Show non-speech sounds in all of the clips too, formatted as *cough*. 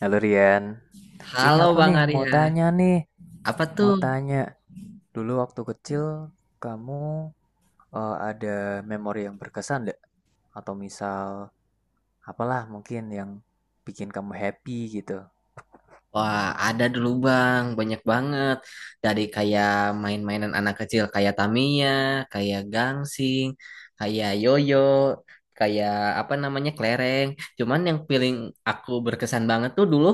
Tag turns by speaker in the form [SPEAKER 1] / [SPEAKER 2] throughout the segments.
[SPEAKER 1] Halo Rian, ini
[SPEAKER 2] Halo
[SPEAKER 1] aku
[SPEAKER 2] Bang Arya,
[SPEAKER 1] nih,
[SPEAKER 2] apa
[SPEAKER 1] mau
[SPEAKER 2] tuh?
[SPEAKER 1] tanya dulu waktu kecil kamu ada memori yang berkesan nggak? Atau misal apalah mungkin yang bikin kamu happy gitu?
[SPEAKER 2] Wah, ada dulu Bang, banyak banget. Dari kayak main-mainan anak kecil kayak Tamiya, kayak gangsing, kayak yoyo, kayak apa namanya kelereng. Cuman yang paling aku berkesan banget tuh dulu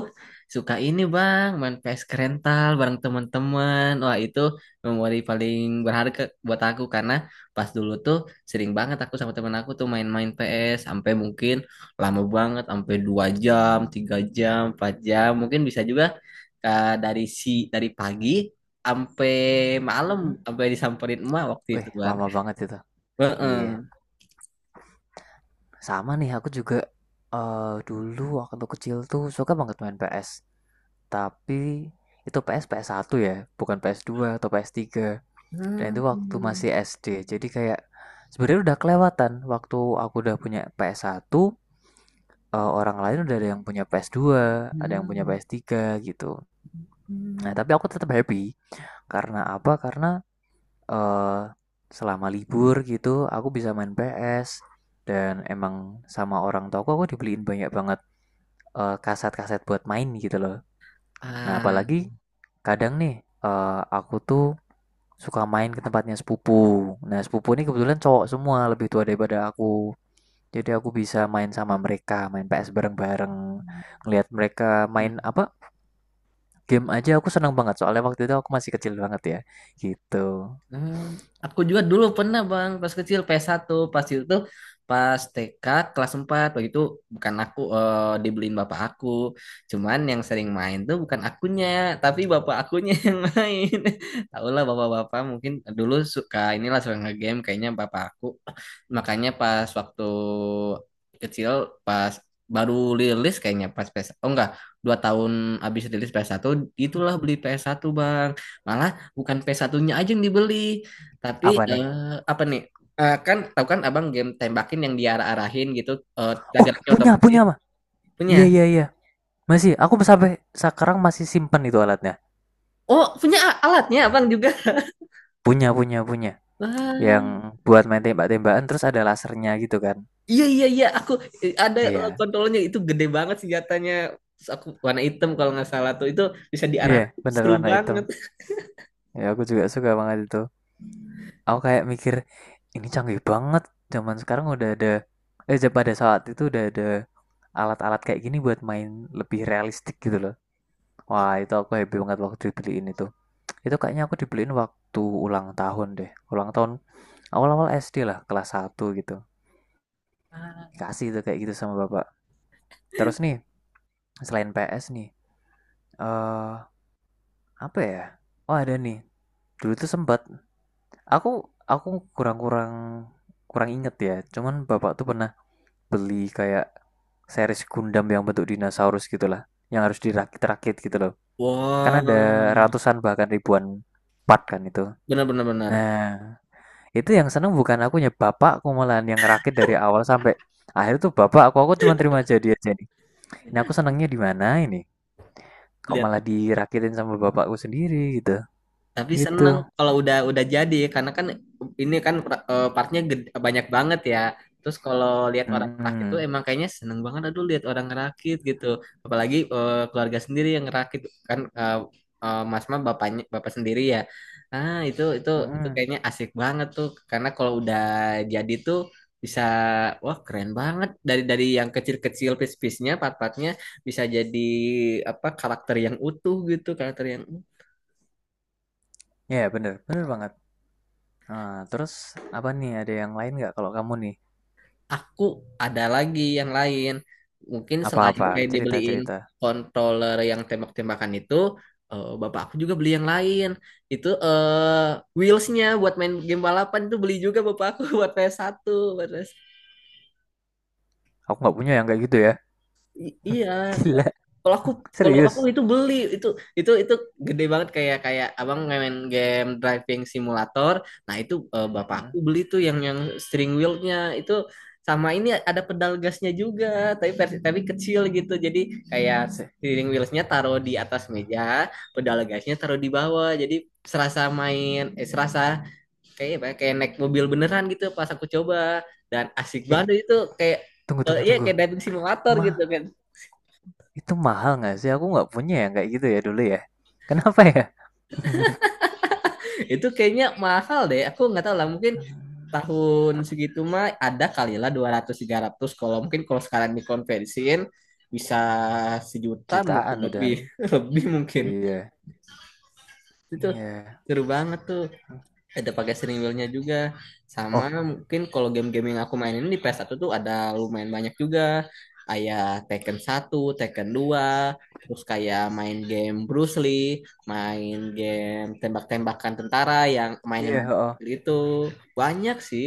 [SPEAKER 2] suka ini Bang, main PS rental bareng teman-teman. Wah, itu memori paling berharga buat aku karena pas dulu tuh sering banget aku sama teman aku tuh main-main PS sampai mungkin lama banget sampai 2 jam 3 jam 4 jam mungkin bisa juga, eh, dari si dari pagi sampai malam
[SPEAKER 1] Mhm.
[SPEAKER 2] sampai disamperin emak waktu
[SPEAKER 1] Wih,
[SPEAKER 2] itu kan.
[SPEAKER 1] lama banget itu. Iya,
[SPEAKER 2] Heeh.
[SPEAKER 1] sama nih aku juga dulu waktu kecil tuh suka banget main PS, tapi itu PS ps satu ya, bukan PS2 atau PS3. Dan itu waktu
[SPEAKER 2] Hmm,
[SPEAKER 1] masih SD. Jadi kayak sebenarnya udah kelewatan waktu aku udah punya PS1, orang lain udah ada yang punya PS2, ada yang punya
[SPEAKER 2] hmm,
[SPEAKER 1] PS3 gitu. Nah,
[SPEAKER 2] hmm.
[SPEAKER 1] tapi aku tetap happy karena apa? Karena eh, selama libur gitu aku bisa main PS dan emang sama orang tua aku dibeliin banyak banget kaset-kaset buat main gitu loh. Nah,
[SPEAKER 2] Ah,
[SPEAKER 1] apalagi kadang nih aku tuh suka main ke tempatnya sepupu. Nah, sepupu ini kebetulan cowok semua, lebih tua daripada aku. Jadi aku bisa main sama mereka, main PS bareng-bareng, ngelihat mereka
[SPEAKER 2] hmm.
[SPEAKER 1] main apa? Game aja aku seneng banget soalnya waktu itu aku masih kecil banget ya. Gitu.
[SPEAKER 2] Hmm, aku juga dulu pernah bang pas kecil ps satu, pas itu tuh pas TK kelas 4 waktu itu. Bukan aku, dibeliin bapak aku. Cuman yang sering main tuh bukan akunya, tapi bapak akunya *laughs* yang main. Tau lah bapak-bapak mungkin dulu suka nge-game kayaknya bapak aku. Makanya pas waktu kecil, pas baru rilis kayaknya pas PS, oh enggak, 2 tahun abis rilis ps satu, itulah beli ps satu bang. Malah bukan p satunya aja yang dibeli, tapi
[SPEAKER 1] Apa nih?
[SPEAKER 2] apa nih? Eh, kan tahu kan Abang game tembakin yang diarah-arahin gitu, eh
[SPEAKER 1] Oh,
[SPEAKER 2] jaraknya
[SPEAKER 1] punya, punya
[SPEAKER 2] otomatis,
[SPEAKER 1] mah.
[SPEAKER 2] punya.
[SPEAKER 1] Iya, iya, iya. Masih, aku sampai sekarang masih simpen itu alatnya.
[SPEAKER 2] Oh, punya alatnya Abang juga.
[SPEAKER 1] Punya, punya, punya.
[SPEAKER 2] Wah,
[SPEAKER 1] Yang buat main tembak-tembakan terus ada lasernya gitu kan.
[SPEAKER 2] iya iya iya, aku ada,
[SPEAKER 1] Iya.
[SPEAKER 2] kontrolnya itu gede banget senjatanya. Terus aku warna hitam kalau nggak salah tuh itu bisa diarah,
[SPEAKER 1] Iya, benar
[SPEAKER 2] seru
[SPEAKER 1] warna hitam.
[SPEAKER 2] banget.
[SPEAKER 1] Ya, aku juga suka banget itu. Aku kayak mikir ini canggih banget zaman sekarang udah ada, pada saat itu udah ada alat-alat kayak gini buat main lebih realistik gitu loh. Wah, itu aku happy banget waktu dibeliin itu. Itu kayaknya aku dibeliin waktu ulang tahun deh, ulang tahun awal-awal SD lah, kelas satu gitu dikasih itu kayak gitu sama bapak. Terus nih selain PS nih eh apa ya, oh ada nih, dulu tuh sempat aku aku kurang-kurang kurang inget ya, cuman bapak tuh pernah beli kayak series Gundam yang bentuk dinosaurus gitulah, yang harus dirakit-rakit gitu loh. Kan
[SPEAKER 2] Wow,
[SPEAKER 1] ada ratusan bahkan ribuan part kan itu.
[SPEAKER 2] benar benar benar.
[SPEAKER 1] Nah, itu yang seneng bukan akunya, bapakku malahan yang ngerakit dari awal sampai akhir tuh. Bapak aku cuma terima jadi aja nih. Ini aku senengnya di mana ini, kok
[SPEAKER 2] Lihat,
[SPEAKER 1] malah dirakitin sama bapakku sendiri gitu
[SPEAKER 2] tapi
[SPEAKER 1] itu.
[SPEAKER 2] seneng kalau udah jadi karena kan ini kan partnya banyak banget ya. Terus kalau lihat orang ngerakit tuh
[SPEAKER 1] Mm-mm.
[SPEAKER 2] emang kayaknya seneng banget, aduh lihat orang ngerakit gitu. Apalagi keluarga sendiri yang ngerakit kan, Mas mah bapaknya bapak sendiri ya. Ah itu
[SPEAKER 1] Mm-mm.
[SPEAKER 2] kayaknya asik banget tuh karena kalau udah jadi tuh bisa, wah keren banget, dari yang kecil-kecil piece-piece-nya part-partnya bisa jadi apa karakter yang utuh gitu, karakter yang
[SPEAKER 1] Ya yeah, bener bener banget. Ah, terus apa nih, ada yang lain nggak kalau kamu nih,
[SPEAKER 2] aku ada lagi yang lain. Mungkin selain
[SPEAKER 1] apa-apa
[SPEAKER 2] kayak dibeliin
[SPEAKER 1] cerita-cerita.
[SPEAKER 2] controller yang tembak-tembakan itu, bapak aku juga beli yang lain. Itu wheelsnya buat main game balapan itu beli juga bapak aku *laughs* buat PS1, buat PS1.
[SPEAKER 1] Aku nggak punya yang kayak gitu ya.
[SPEAKER 2] Iya
[SPEAKER 1] *laughs* Gila,
[SPEAKER 2] kalau aku,
[SPEAKER 1] serius.
[SPEAKER 2] itu beli itu itu gede banget kayak kayak abang main game driving simulator. Nah itu bapak aku beli tuh yang steering wheelnya itu sama ini ada pedal gasnya juga, tapi kecil gitu jadi kayak steering wheelsnya taruh di atas meja, pedal gasnya taruh di bawah jadi serasa kayak apa ya, kayak naik mobil beneran gitu pas aku coba, dan asik
[SPEAKER 1] Eh,
[SPEAKER 2] banget itu kayak,
[SPEAKER 1] tunggu tunggu
[SPEAKER 2] iya
[SPEAKER 1] tunggu.
[SPEAKER 2] kayak driving simulator
[SPEAKER 1] Ma,
[SPEAKER 2] gitu kan.
[SPEAKER 1] itu mahal nggak sih? Aku nggak punya yang kayak gitu ya dulu ya. Kenapa ya? *laughs*
[SPEAKER 2] Itu kayaknya mahal deh. Aku nggak tahu lah. Mungkin tahun segitu mah ada kali lah 200 ratus, kalau mungkin kalau sekarang dikonversiin bisa sejuta mungkin
[SPEAKER 1] Jutaan
[SPEAKER 2] lebih
[SPEAKER 1] udahan.
[SPEAKER 2] *laughs* lebih mungkin.
[SPEAKER 1] Iya.
[SPEAKER 2] Itu
[SPEAKER 1] Iya.
[SPEAKER 2] seru banget tuh ada pakai steering wheelnya juga, sama
[SPEAKER 1] Oh,
[SPEAKER 2] mungkin kalau game-game yang aku mainin di ps satu tuh ada lumayan banyak juga kayak Tekken satu, Tekken dua, terus kayak main game Bruce Lee, main game tembak-tembakan tentara yang mainnya
[SPEAKER 1] iya,
[SPEAKER 2] main
[SPEAKER 1] Oh,
[SPEAKER 2] itu banyak sih,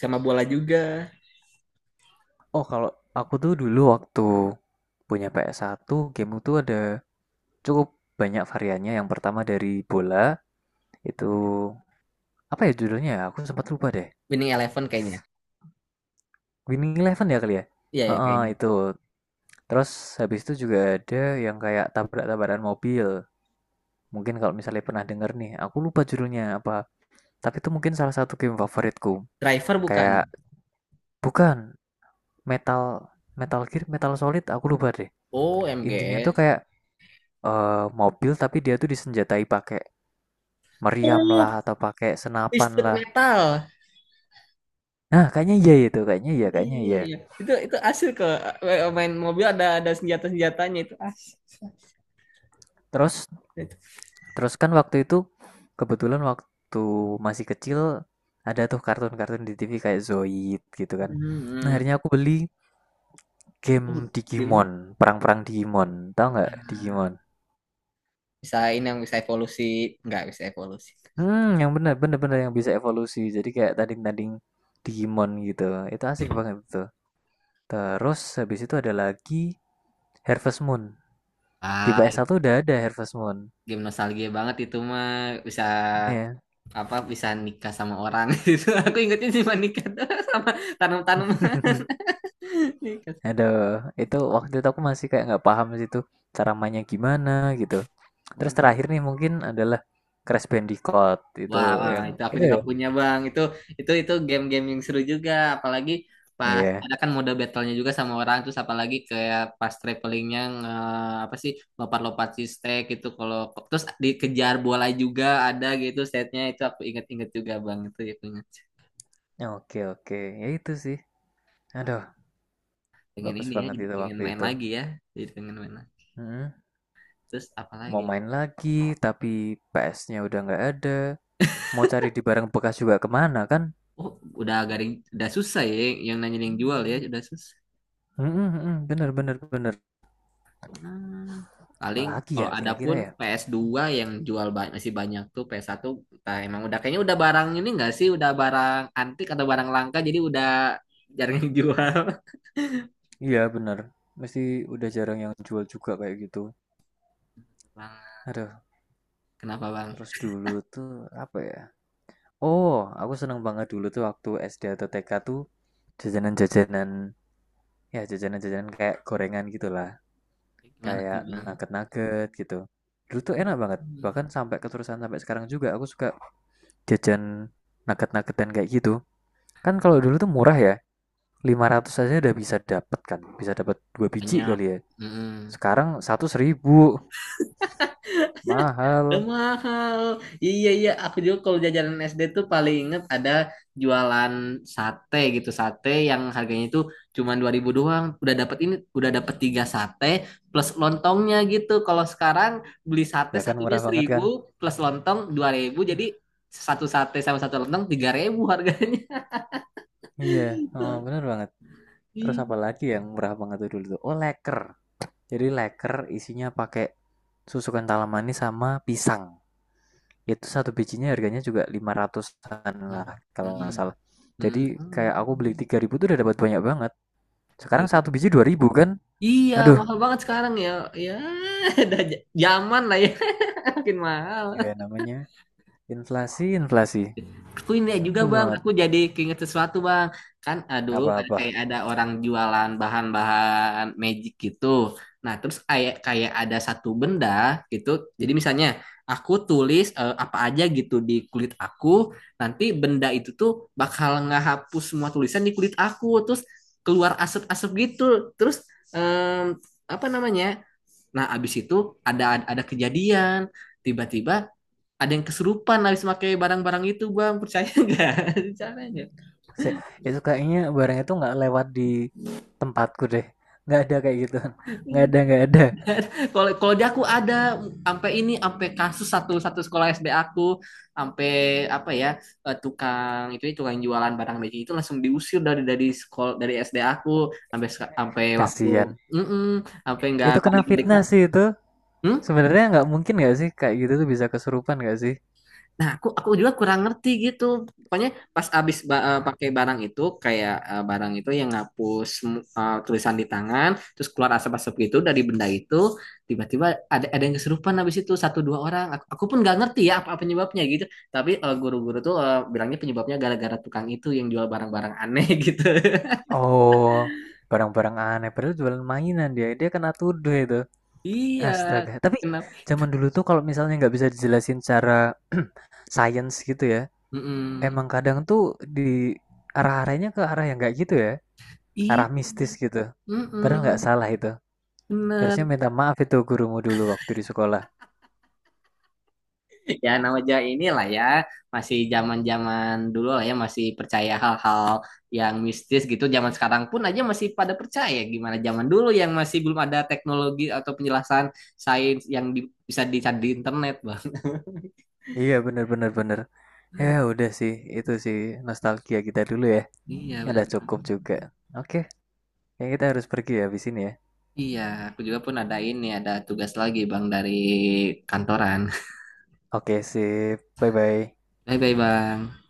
[SPEAKER 2] sama bola juga.
[SPEAKER 1] Oh, kalau aku tuh dulu waktu punya PS1, game itu ada cukup banyak variannya. Yang pertama dari bola, itu apa ya judulnya? Ya? Aku sempat lupa deh.
[SPEAKER 2] Winning Eleven kayaknya.
[SPEAKER 1] Winning Eleven ya kali ya?
[SPEAKER 2] Iya ya kayaknya.
[SPEAKER 1] Heeh, itu. Terus habis itu juga ada yang kayak tabrak-tabrakan mobil. Mungkin kalau misalnya pernah denger nih, aku lupa judulnya apa. Tapi itu mungkin salah satu game favoritku.
[SPEAKER 2] Driver bukan?
[SPEAKER 1] Kayak bukan Metal Metal Gear, Metal Solid, aku lupa deh.
[SPEAKER 2] Oh,
[SPEAKER 1] Intinya tuh
[SPEAKER 2] MGS.
[SPEAKER 1] kayak mobil tapi dia tuh disenjatai pakai meriam lah
[SPEAKER 2] Oh,
[SPEAKER 1] atau pakai senapan
[SPEAKER 2] Twisted
[SPEAKER 1] lah.
[SPEAKER 2] Metal.
[SPEAKER 1] Nah, kayaknya iya itu, kayaknya iya, kayaknya
[SPEAKER 2] Iya,
[SPEAKER 1] iya.
[SPEAKER 2] iya. Itu main mobil ada senjata-senjatanya itu asik.
[SPEAKER 1] Terus
[SPEAKER 2] Itu.
[SPEAKER 1] Terus kan waktu itu kebetulan waktu masih kecil ada tuh kartun-kartun di TV kayak Zoid gitu kan. Nah,
[SPEAKER 2] Hmm.
[SPEAKER 1] akhirnya aku beli game
[SPEAKER 2] Oh,
[SPEAKER 1] Digimon,
[SPEAKER 2] gamenya.
[SPEAKER 1] perang-perang Digimon. Tahu nggak
[SPEAKER 2] Nah,
[SPEAKER 1] Digimon?
[SPEAKER 2] bisa ini yang bisa evolusi, nggak bisa evolusi.
[SPEAKER 1] Hmm, yang bener bener bener yang bisa evolusi. Jadi kayak tanding-tanding Digimon gitu. Itu asik banget tuh. Terus habis itu ada lagi Harvest Moon. Di
[SPEAKER 2] Ah,
[SPEAKER 1] PS1 udah ada Harvest Moon.
[SPEAKER 2] game nostalgia banget itu mah, bisa
[SPEAKER 1] Ya. Yeah.
[SPEAKER 2] apa bisa nikah sama orang *laughs* itu. Aku ingetnya cuma nikah *laughs* sama tanam-tanaman
[SPEAKER 1] *laughs*
[SPEAKER 2] *laughs* nikah.
[SPEAKER 1] Aduh, itu waktu itu aku masih kayak nggak paham sih tuh, cara mainnya gimana gitu. Terus terakhir nih mungkin adalah Crash Bandicoot, itu
[SPEAKER 2] Wah, wah,
[SPEAKER 1] yang
[SPEAKER 2] itu aku
[SPEAKER 1] itu
[SPEAKER 2] juga
[SPEAKER 1] ya?
[SPEAKER 2] punya bang. Itu game-game yang seru juga. Apalagi pas
[SPEAKER 1] Iya.
[SPEAKER 2] ada kan mode battlenya juga sama orang. Terus apalagi kayak pas travelingnya apa sih, lompat-lompat si stack gitu. Kalau terus dikejar bola juga ada gitu setnya. Itu aku inget-inget juga bang. Itu ya punya.
[SPEAKER 1] Oke oke, ya itu sih.
[SPEAKER 2] Ah,
[SPEAKER 1] Aduh,
[SPEAKER 2] pengen
[SPEAKER 1] bagus
[SPEAKER 2] ini ya,
[SPEAKER 1] banget
[SPEAKER 2] jadi
[SPEAKER 1] itu
[SPEAKER 2] pengen
[SPEAKER 1] waktu
[SPEAKER 2] main
[SPEAKER 1] itu.
[SPEAKER 2] lagi ya. Jadi pengen main lagi.
[SPEAKER 1] Mm-mm.
[SPEAKER 2] Terus apa
[SPEAKER 1] Mau
[SPEAKER 2] lagi?
[SPEAKER 1] main lagi, tapi PS-nya udah nggak ada. Mau cari di barang bekas juga kemana kan?
[SPEAKER 2] Oh, udah garing, udah susah ya yang nanya yang jual ya, udah susah.
[SPEAKER 1] Mm-mm, mm-mm, bener bener bener.
[SPEAKER 2] Hmm. Paling
[SPEAKER 1] Apalagi ya
[SPEAKER 2] kalau ada
[SPEAKER 1] kira-kira
[SPEAKER 2] pun
[SPEAKER 1] ya?
[SPEAKER 2] ps dua yang jual masih banyak tuh ps satu, entah emang udah kayaknya udah barang ini enggak sih, udah barang antik atau barang langka jadi udah jarang yang jual.
[SPEAKER 1] Iya bener. Mesti udah jarang yang jual juga kayak gitu.
[SPEAKER 2] *laughs* Bang,
[SPEAKER 1] Aduh,
[SPEAKER 2] kenapa Bang?
[SPEAKER 1] terus dulu tuh apa ya? Oh, aku seneng banget dulu tuh waktu SD atau TK tuh jajanan-jajanan, ya jajanan-jajanan kayak gorengan gitu lah,
[SPEAKER 2] Gimana tuh
[SPEAKER 1] kayak
[SPEAKER 2] Bang?
[SPEAKER 1] nugget-nugget gitu. Dulu tuh enak banget, bahkan sampai keterusan sampai sekarang juga aku suka jajan nugget dan kayak gitu. Kan kalau dulu tuh murah ya, 500 aja udah bisa dapet kan, bisa dapat dua biji
[SPEAKER 2] Banyak.
[SPEAKER 1] kali ya.
[SPEAKER 2] Mm-mm.
[SPEAKER 1] Sekarang satu 1.000,
[SPEAKER 2] Udah
[SPEAKER 1] mahal,
[SPEAKER 2] mahal. Iya iya, aku juga kalau jajanan SD tuh paling inget ada jualan sate gitu. Sate yang harganya itu cuma 2.000 doang. Udah dapat ini, udah dapat tiga sate plus lontongnya gitu. Kalau sekarang beli sate
[SPEAKER 1] ya kan
[SPEAKER 2] satunya
[SPEAKER 1] murah banget
[SPEAKER 2] 1.000
[SPEAKER 1] kan?
[SPEAKER 2] plus lontong 2.000 jadi satu sate sama satu lontong 3.000 harganya.
[SPEAKER 1] Iya, oh, bener banget. Terus
[SPEAKER 2] Iya.
[SPEAKER 1] apa lagi yang murah banget tuh dulu tuh? Oh, leker. Jadi leker isinya pakai susu kental manis sama pisang. Itu satu bijinya harganya juga 500-an
[SPEAKER 2] Hmm.
[SPEAKER 1] lah kalau nggak
[SPEAKER 2] Hmm.
[SPEAKER 1] salah.
[SPEAKER 2] Hmm.
[SPEAKER 1] Jadi
[SPEAKER 2] Hmm.
[SPEAKER 1] kayak aku beli 3.000 tuh udah dapat banyak banget. Sekarang
[SPEAKER 2] 3.000.
[SPEAKER 1] satu biji 2.000 kan?
[SPEAKER 2] Iya,
[SPEAKER 1] Aduh,
[SPEAKER 2] mahal banget sekarang ya. Ya, *laughs* udah zaman lah ya, *laughs* makin mahal.
[SPEAKER 1] ya namanya inflasi, inflasi.
[SPEAKER 2] Aku ini juga
[SPEAKER 1] Sebel
[SPEAKER 2] bang,
[SPEAKER 1] banget
[SPEAKER 2] aku jadi keinget sesuatu bang. Kan dulu ada
[SPEAKER 1] apa-apa.
[SPEAKER 2] kayak ada orang jualan bahan-bahan magic gitu. Nah terus kayak kayak ada satu benda gitu. Jadi misalnya aku tulis apa aja gitu di kulit aku, nanti benda itu tuh bakal ngehapus semua tulisan di kulit aku. Terus keluar asap-asap gitu. Terus em, apa namanya? Nah abis itu ada ada kejadian. Tiba-tiba ada yang kesurupan habis pakai barang-barang itu bang, percaya nggak *laughs* caranya?
[SPEAKER 1] Se- itu kayaknya barang itu nggak lewat di tempatku deh. Nggak ada kayak gitu. Nggak ada, nggak ada.
[SPEAKER 2] Kalau kalau di aku ada sampai ini, sampai kasus satu satu sekolah SD aku, sampai apa ya, tukang itu tukang jualan barang magic itu langsung diusir dari sekolah dari SD aku, sampai waktu
[SPEAKER 1] Kasian.
[SPEAKER 2] mm sampai nggak
[SPEAKER 1] Itu kena
[SPEAKER 2] balik-balik
[SPEAKER 1] fitnah
[SPEAKER 2] lagi.
[SPEAKER 1] sih itu.
[SPEAKER 2] Hmm?
[SPEAKER 1] Sebenarnya nggak mungkin nggak sih kayak gitu tuh bisa kesurupan nggak sih?
[SPEAKER 2] Nah, aku juga kurang ngerti gitu. Pokoknya pas abis pakai barang itu kayak barang itu yang ngapus tulisan di tangan, terus keluar asap-asap gitu dari benda itu, tiba-tiba ada yang kesurupan abis itu satu dua orang. Aku pun nggak ngerti ya apa penyebabnya gitu. Tapi guru-guru tuh bilangnya penyebabnya gara-gara tukang itu yang jual barang-barang aneh *laughs* gitu.
[SPEAKER 1] Oh, barang-barang aneh. Padahal jualan mainan dia. Dia kena tuduh itu.
[SPEAKER 2] Iya,
[SPEAKER 1] Astaga. Tapi
[SPEAKER 2] kenapa?
[SPEAKER 1] zaman dulu tuh kalau misalnya nggak bisa dijelasin cara *clears throat* science gitu ya,
[SPEAKER 2] Mm-mm.
[SPEAKER 1] emang kadang tuh di arah-arahnya ke arah yang nggak gitu ya,
[SPEAKER 2] I,
[SPEAKER 1] arah mistis gitu. Padahal nggak
[SPEAKER 2] mm-mm.
[SPEAKER 1] salah itu. Harusnya
[SPEAKER 2] Bener.
[SPEAKER 1] minta maaf itu gurumu dulu waktu di sekolah.
[SPEAKER 2] Ya namanya inilah ya, masih zaman-zaman dulu lah ya, masih percaya hal-hal yang mistis gitu. Zaman sekarang pun aja masih pada percaya, gimana zaman dulu yang masih belum ada teknologi atau penjelasan sains yang bisa dicari di internet bang.
[SPEAKER 1] Iya, bener-bener bener. Bener, bener. Ya udah sih, itu sih nostalgia kita dulu ya.
[SPEAKER 2] Iya
[SPEAKER 1] Ya
[SPEAKER 2] benar
[SPEAKER 1] udah cukup
[SPEAKER 2] Bang.
[SPEAKER 1] juga. Oke, ya kita harus pergi ya habis ini ya.
[SPEAKER 2] Iya aku juga pun ada tugas lagi bang dari kantoran.
[SPEAKER 1] Oke, sip. Bye-bye.
[SPEAKER 2] *laughs* Bye bye bang.